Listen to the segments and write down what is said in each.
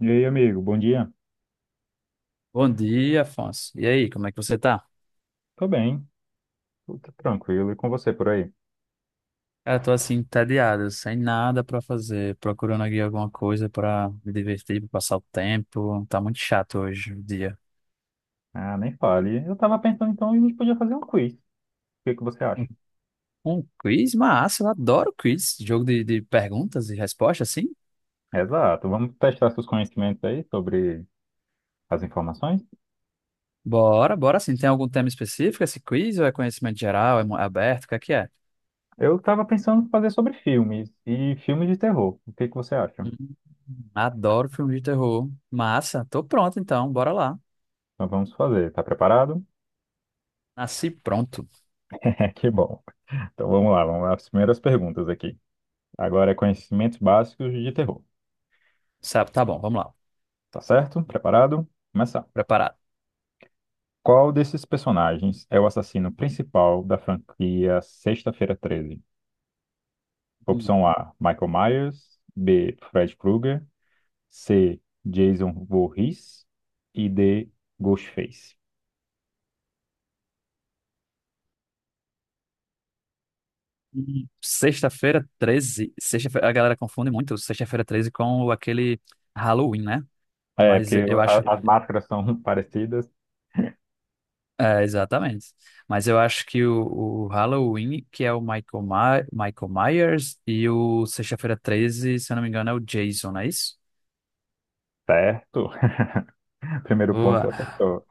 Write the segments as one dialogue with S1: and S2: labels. S1: E aí, amigo, bom dia.
S2: Bom dia, Afonso. E aí, como é que você tá?
S1: Tô bem, tudo tranquilo. E com você por aí?
S2: Cara, tô assim, entediado, sem nada pra fazer, procurando aqui alguma coisa pra me divertir, pra passar o tempo. Tá muito chato hoje o dia.
S1: Ah, nem fale. Eu tava pensando então a gente podia fazer um quiz. O que que você acha?
S2: Um, um quiz? Massa, eu adoro quiz. Jogo de perguntas e respostas, assim.
S1: Exato. Vamos testar seus conhecimentos aí sobre as informações.
S2: Bora sim. Tem algum tema específico esse quiz ou é conhecimento geral, é aberto, o que é que é?
S1: Eu tava pensando em fazer sobre filmes e filmes de terror. O que que você acha?
S2: Hum, adoro filme de terror. Massa, tô pronto então, bora lá.
S1: Então vamos fazer. Tá preparado?
S2: Nasci pronto.
S1: É, que bom. Então vamos lá, vamos lá. As primeiras perguntas aqui. Agora é conhecimentos básicos de terror.
S2: Sabe, tá bom, vamos lá.
S1: Tá certo? Preparado? Começar.
S2: Preparado.
S1: Qual desses personagens é o assassino principal da franquia Sexta-feira 13? Opção A, Michael Myers; B, Fred Krueger; C, Jason Voorhees; e D, Ghostface.
S2: Hum. Sexta-feira 13, Sexta-feira, a galera confunde muito sexta-feira 13 com aquele Halloween, né?
S1: É, porque
S2: Mas eu acho.
S1: as máscaras são parecidas,
S2: É, exatamente. Mas eu acho que o Halloween, que é o Michael, Michael Myers, e o Sexta-feira 13, se eu não me engano, é o Jason, não é isso?
S1: certo? Primeiro ponto você
S2: Boa.
S1: acertou.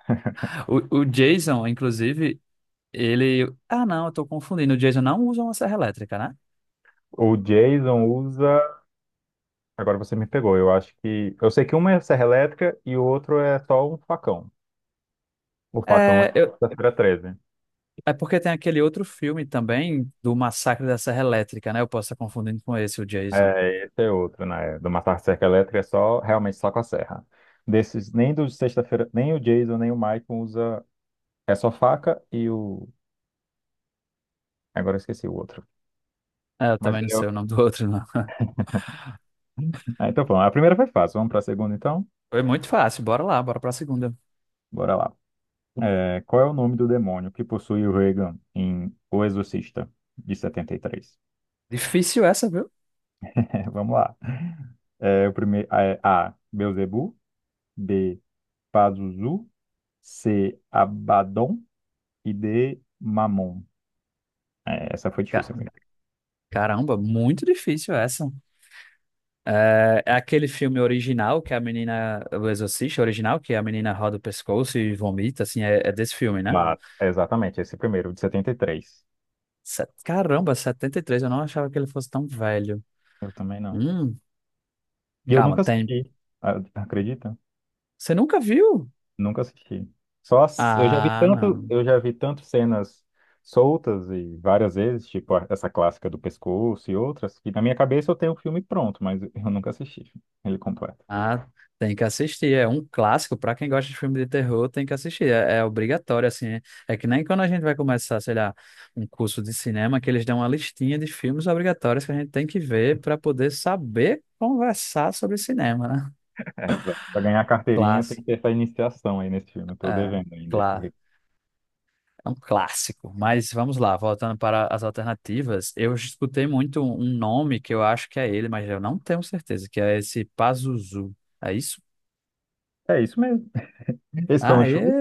S2: O Jason, inclusive, ele. Ah, não, eu tô confundindo. O Jason não usa uma serra elétrica, né?
S1: O Jason usa. Agora você me pegou. Eu acho que. Eu sei que uma é serra elétrica e o outro é só um facão. O facão é
S2: É,
S1: Sexta-feira 13.
S2: é porque tem aquele outro filme também do Massacre da Serra Elétrica, né? Eu posso estar confundindo com esse, o Jason.
S1: É, esse é outro, né? Do Massacre da Serra Elétrica é só, realmente só com a serra. Desses, nem do Sexta-feira, nem o Jason, nem o Michael usa, é só faca e o... Agora eu esqueci o outro.
S2: É, eu
S1: Mas
S2: também não
S1: eu...
S2: sei o nome do outro, não.
S1: Ah, então vamos, a primeira foi fácil, vamos para a segunda então?
S2: Foi muito fácil, bora lá, bora pra segunda.
S1: Bora lá. É, qual é o nome do demônio que possui o Regan em O Exorcista, de 73?
S2: Difícil essa, viu?
S1: Vamos lá. É, o primeiro, é, A, Beelzebub; B, Pazuzu; C, Abaddon; e D, Mamon. É, essa foi
S2: Ca-
S1: difícil, amiga.
S2: Caramba, muito difícil essa. É, é aquele filme original que a menina, o Exorcista original, que a menina roda o pescoço e vomita, assim, é, é desse filme, né?
S1: Mas, exatamente, esse primeiro, de 73.
S2: Caramba, 73 eu não achava que ele fosse tão velho.
S1: Eu também não.
S2: Hum,
S1: E eu
S2: calma,
S1: nunca
S2: tem.
S1: assisti, acredita?
S2: Você nunca viu?
S1: Nunca assisti. Eu já vi
S2: Ah,
S1: tanto,
S2: não.
S1: eu já vi tanto cenas soltas e várias vezes, tipo essa clássica do pescoço e outras, que na minha cabeça eu tenho o filme pronto, mas eu nunca assisti ele completo.
S2: Ah, tem que assistir. É um clássico para quem gosta de filme de terror, tem que assistir. É, é obrigatório, assim. É que nem quando a gente vai começar, sei lá, um curso de cinema, que eles dão uma listinha de filmes obrigatórios que a gente tem que ver para poder saber conversar sobre cinema, né?
S1: Exato. Pra ganhar a carteirinha tem que
S2: Clássico.
S1: ter essa iniciação aí nesse filme. Eu tô
S2: É,
S1: devendo ainda esse
S2: claro.
S1: recurso.
S2: É um clássico. Mas vamos lá, voltando para as alternativas, eu escutei muito um nome que eu acho que é ele, mas eu não tenho certeza, que é esse Pazuzu. É isso?
S1: É isso mesmo. Esse foi um
S2: Ah,
S1: show.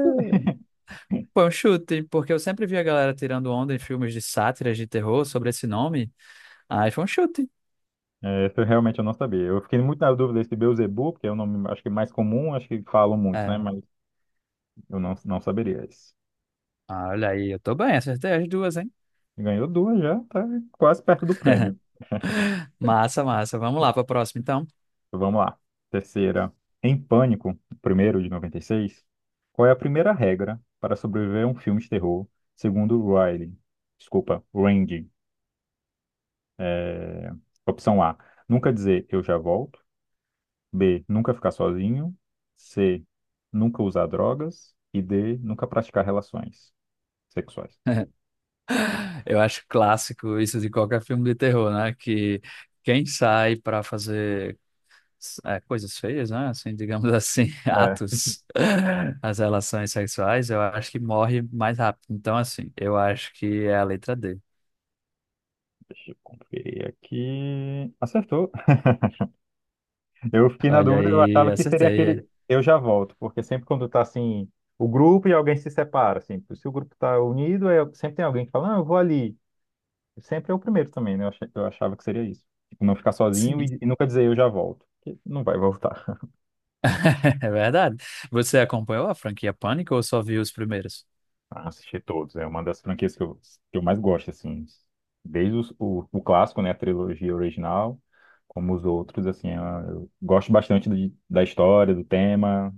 S2: Foi um chute, porque eu sempre vi a galera tirando onda em filmes de sátiras de terror sobre esse nome. Aí foi um chute.
S1: É, essa eu realmente eu não sabia. Eu fiquei muito na dúvida se Beelzebub, que é o nome acho que mais comum, acho que falam muito, né?
S2: É.
S1: Mas eu não saberia isso.
S2: Ah, olha aí, eu tô bem, acertei as duas, hein?
S1: Ganhou duas já, tá quase perto do prêmio.
S2: Massa, massa. Vamos lá pra próxima, então.
S1: Então, vamos lá. Terceira. Em Pânico, primeiro de 96. Qual é a primeira regra para sobreviver a um filme de terror, segundo Riley? Desculpa, Randy. É, opção A, nunca dizer eu já volto. B, nunca ficar sozinho. C, nunca usar drogas. E D, nunca praticar relações sexuais.
S2: Eu acho clássico isso de qualquer filme de terror, né? Que quem sai pra fazer é, coisas feias, né? Assim, digamos assim,
S1: É.
S2: atos, as relações sexuais, eu acho que morre mais rápido. Então, assim, eu acho que é a letra D.
S1: Deixa eu conferir aqui. Acertou. Eu fiquei na
S2: Olha
S1: dúvida, eu
S2: aí,
S1: achava que seria
S2: acertei.
S1: aquele eu já volto, porque sempre quando tá assim, o grupo e alguém se separa, assim, se o grupo tá unido, sempre tem alguém que fala, não, eu vou ali. Sempre é o primeiro também, né? Eu achava que seria isso. Tipo, não ficar sozinho
S2: Sim.
S1: e nunca dizer eu já volto, porque não vai voltar.
S2: É verdade. Você acompanhou a franquia Pânico ou só viu os primeiros?
S1: Ah, assisti todos. É uma das franquias que eu mais gosto, assim. Desde o clássico, né? A trilogia original, como os outros, assim. É, eu gosto bastante da história, do tema,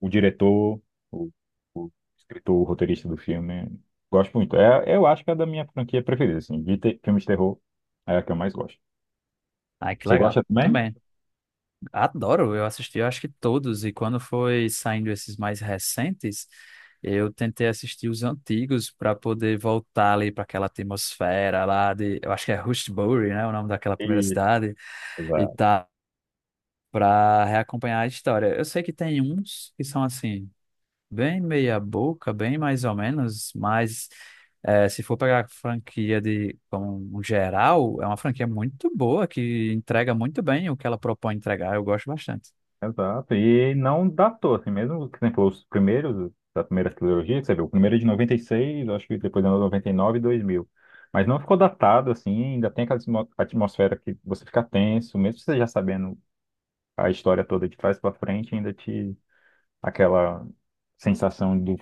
S1: o diretor, o, o escritor, o roteirista do filme. Gosto muito. É, eu acho que é da minha franquia preferida, assim. De filmes de terror, é a que eu mais gosto.
S2: Ai, que
S1: Você
S2: legal.
S1: gosta
S2: Eu
S1: também?
S2: também. Adoro. Eu assisti, eu acho que todos. E quando foi saindo esses mais recentes, eu tentei assistir os antigos para poder voltar ali para aquela atmosfera lá de. Eu acho que é Rushbury, né? O nome daquela primeira
S1: E...
S2: cidade. E tá. Para reacompanhar a história. Eu sei que tem uns que são assim. Bem meia boca, bem mais ou menos, mas se for pegar a franquia de como um geral, é uma franquia muito boa, que entrega muito bem o que ela propõe entregar, eu gosto bastante.
S1: Exato. E não datou, assim, mesmo que você falou os primeiros, da primeira trilogia, que você viu, o primeiro é de 96, acho que depois é 99 e 2000. Mas não ficou datado, assim, ainda tem aquela atmosfera que você fica tenso, mesmo você já sabendo a história toda de trás pra frente, ainda te... aquela sensação do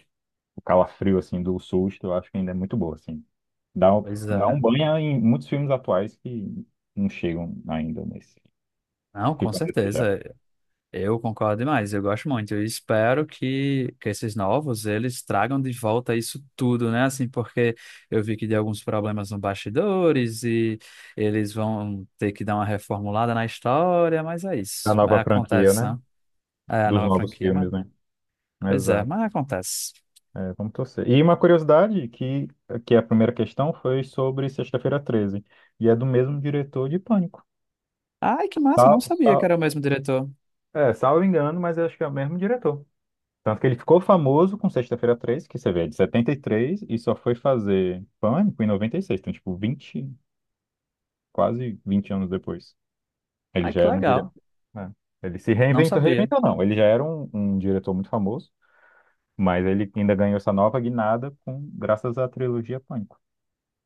S1: do calafrio, assim, do susto, eu acho que ainda é muito boa, assim. Dá, um-
S2: Pois
S1: dá
S2: é.
S1: um banho em muitos filmes atuais que não chegam ainda nesse.
S2: Não, com
S1: Ficam a desejar.
S2: certeza, eu concordo demais, eu gosto muito, eu espero que esses novos, eles tragam de volta isso tudo, né, assim, porque eu vi que deu alguns problemas no bastidores e eles vão ter que dar uma reformulada na história, mas é
S1: A
S2: isso, é,
S1: nova franquia,
S2: acontece,
S1: né?
S2: né? É, a
S1: Dos
S2: nova
S1: novos
S2: franquia,
S1: filmes,
S2: mano.
S1: né?
S2: Pois é,
S1: Exato.
S2: mas acontece.
S1: É, vamos torcer. E uma curiosidade, que é a primeira questão foi sobre Sexta-feira 13 e é do mesmo diretor de Pânico.
S2: Ai, que massa, não
S1: Sal,
S2: sabia que
S1: sal,
S2: era o mesmo diretor.
S1: é, salvo engano, mas eu acho que é o mesmo diretor. Tanto que ele ficou famoso com Sexta-feira 13, que você vê, é de 73, e três, e só foi fazer Pânico em 96, então, tipo, 20, quase 20 anos depois. Ele
S2: Ai,
S1: já
S2: que
S1: era um diretor,
S2: legal,
S1: né? Ele se
S2: não
S1: reinventou,
S2: sabia.
S1: reinventou não, ele já era um diretor muito famoso. Mas ele ainda ganhou essa nova guinada com, graças à trilogia Pânico.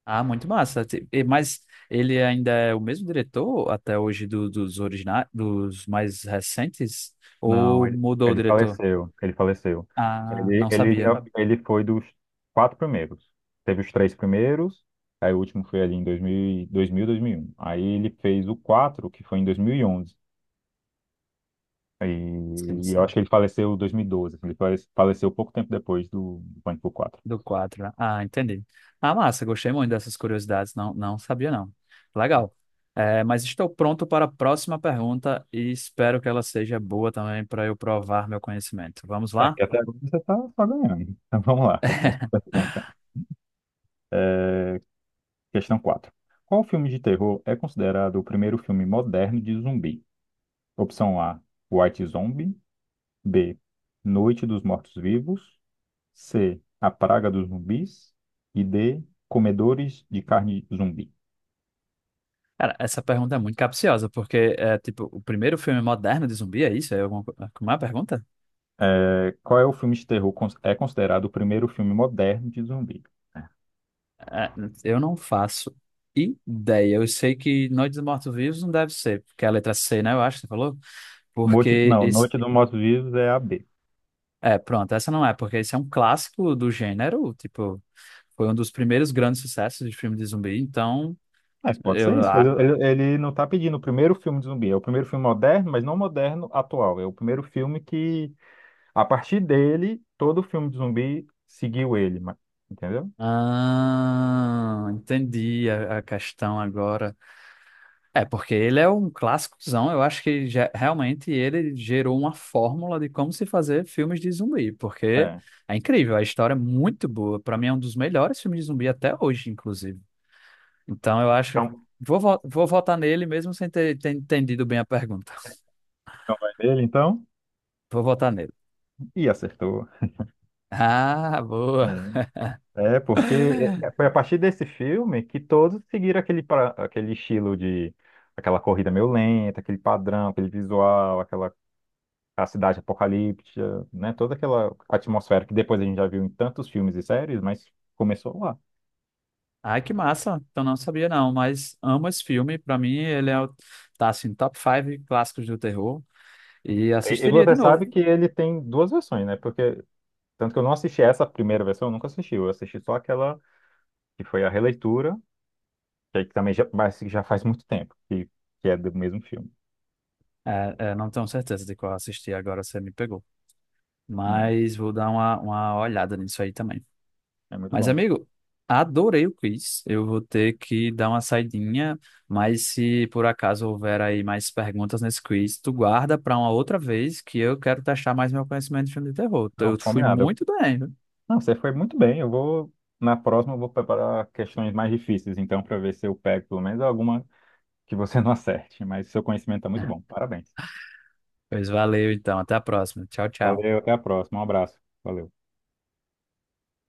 S2: Ah, muito massa. Mas ele ainda é o mesmo diretor até hoje dos originais, dos mais recentes?
S1: Não,
S2: Ou
S1: ele,
S2: mudou o
S1: ele
S2: diretor?
S1: faleceu. Ele faleceu.
S2: Ah, não sabia.
S1: Não, ele foi dos quatro primeiros. Teve os três primeiros, aí o último foi ali em 2000, 2000, 2001. Aí ele fez o quatro, que foi em 2011. e
S2: Sim,
S1: e eu
S2: sim.
S1: acho que ele faleceu em 2012, assim. Ele faleceu pouco tempo depois do Pânico 4.
S2: Do 4. Né? Ah, entendi. Ah, massa, gostei muito dessas curiosidades. Não, não sabia, não. Legal. É, mas estou pronto para a próxima pergunta e espero que ela seja boa também para eu provar meu conhecimento. Vamos
S1: É,
S2: lá?
S1: porque até agora você tá ganhando. Então vamos lá, para a próxima pergunta. É, questão 4. Qual filme de terror é considerado o primeiro filme moderno de zumbi? Opção A, White Zombie. B, Noite dos Mortos-Vivos. C, A Praga dos Zumbis. E D, Comedores de Carne Zumbi.
S2: Cara, essa pergunta é muito capciosa, porque é tipo, o primeiro filme moderno de zumbi é isso? É alguma, é como é a pergunta?
S1: É, qual é o filme de terror é considerado o primeiro filme moderno de zumbi?
S2: É, eu não faço ideia. Eu sei que Noite dos Mortos-Vivos não deve ser, porque é a letra C, né? Eu acho que você falou.
S1: Morte,
S2: Porque
S1: não,
S2: esse,
S1: Noite dos Mortos-Vivos é a B.
S2: é, pronto, essa não é, porque esse é um clássico do gênero, tipo, foi um dos primeiros grandes sucessos de filme de zumbi, então
S1: Mas pode
S2: eu.
S1: ser isso. Ele,
S2: a-
S1: ele- ele não está pedindo o primeiro filme de zumbi. É o primeiro filme moderno, mas não moderno atual. É o primeiro filme que. A partir dele, todo filme de zumbi seguiu ele, entendeu?
S2: Ah, entendi a questão agora. É, porque ele é um clássicozão, eu acho que realmente ele gerou uma fórmula de como se fazer filmes de zumbi, porque
S1: É.
S2: é incrível, a história é muito boa, pra mim é um dos melhores filmes de zumbi até hoje, inclusive. Então eu acho.
S1: Então,
S2: Vou votar nele mesmo sem ter entendido bem a pergunta.
S1: vai dele, então,
S2: Vou votar nele.
S1: e acertou.
S2: Ah, boa.
S1: É, é, porque foi a partir desse filme que todos seguiram aquele, aquele estilo de aquela corrida meio lenta, aquele padrão, aquele visual, aquela a cidade apocalíptica, né? Toda aquela atmosfera que depois a gente já viu em tantos filmes e séries, mas começou lá.
S2: Ai, que massa. Então não sabia não, mas amo esse filme. Pra mim ele é tá assim, top 5 clássicos do terror e
S1: E
S2: assistiria
S1: você
S2: de
S1: sabe
S2: novo.
S1: que ele tem duas versões, né? Porque tanto que eu não assisti essa primeira versão, eu nunca assisti, eu assisti só aquela que foi a releitura, que aí também já, mas que já faz muito tempo, que é do mesmo filme.
S2: É, é, não tenho certeza de qual assisti agora, você me pegou.
S1: É,
S2: Mas vou dar uma olhada nisso aí também.
S1: é muito
S2: Mas
S1: bom.
S2: amigo, adorei o quiz. Eu vou ter que dar uma saidinha, mas se por acaso houver aí mais perguntas nesse quiz, tu guarda para uma outra vez que eu quero testar mais meu conhecimento de filme de terror.
S1: Não,
S2: Eu fui
S1: combinado.
S2: muito bem, viu?
S1: Não, você foi muito bem. Eu vou, na próxima, eu vou preparar questões mais difíceis, então, para ver se eu pego pelo menos alguma que você não acerte. Mas seu conhecimento está muito bom. Parabéns.
S2: Pois valeu, então. Até a próxima. Tchau, tchau.
S1: Valeu, até a próxima. Um abraço. Valeu.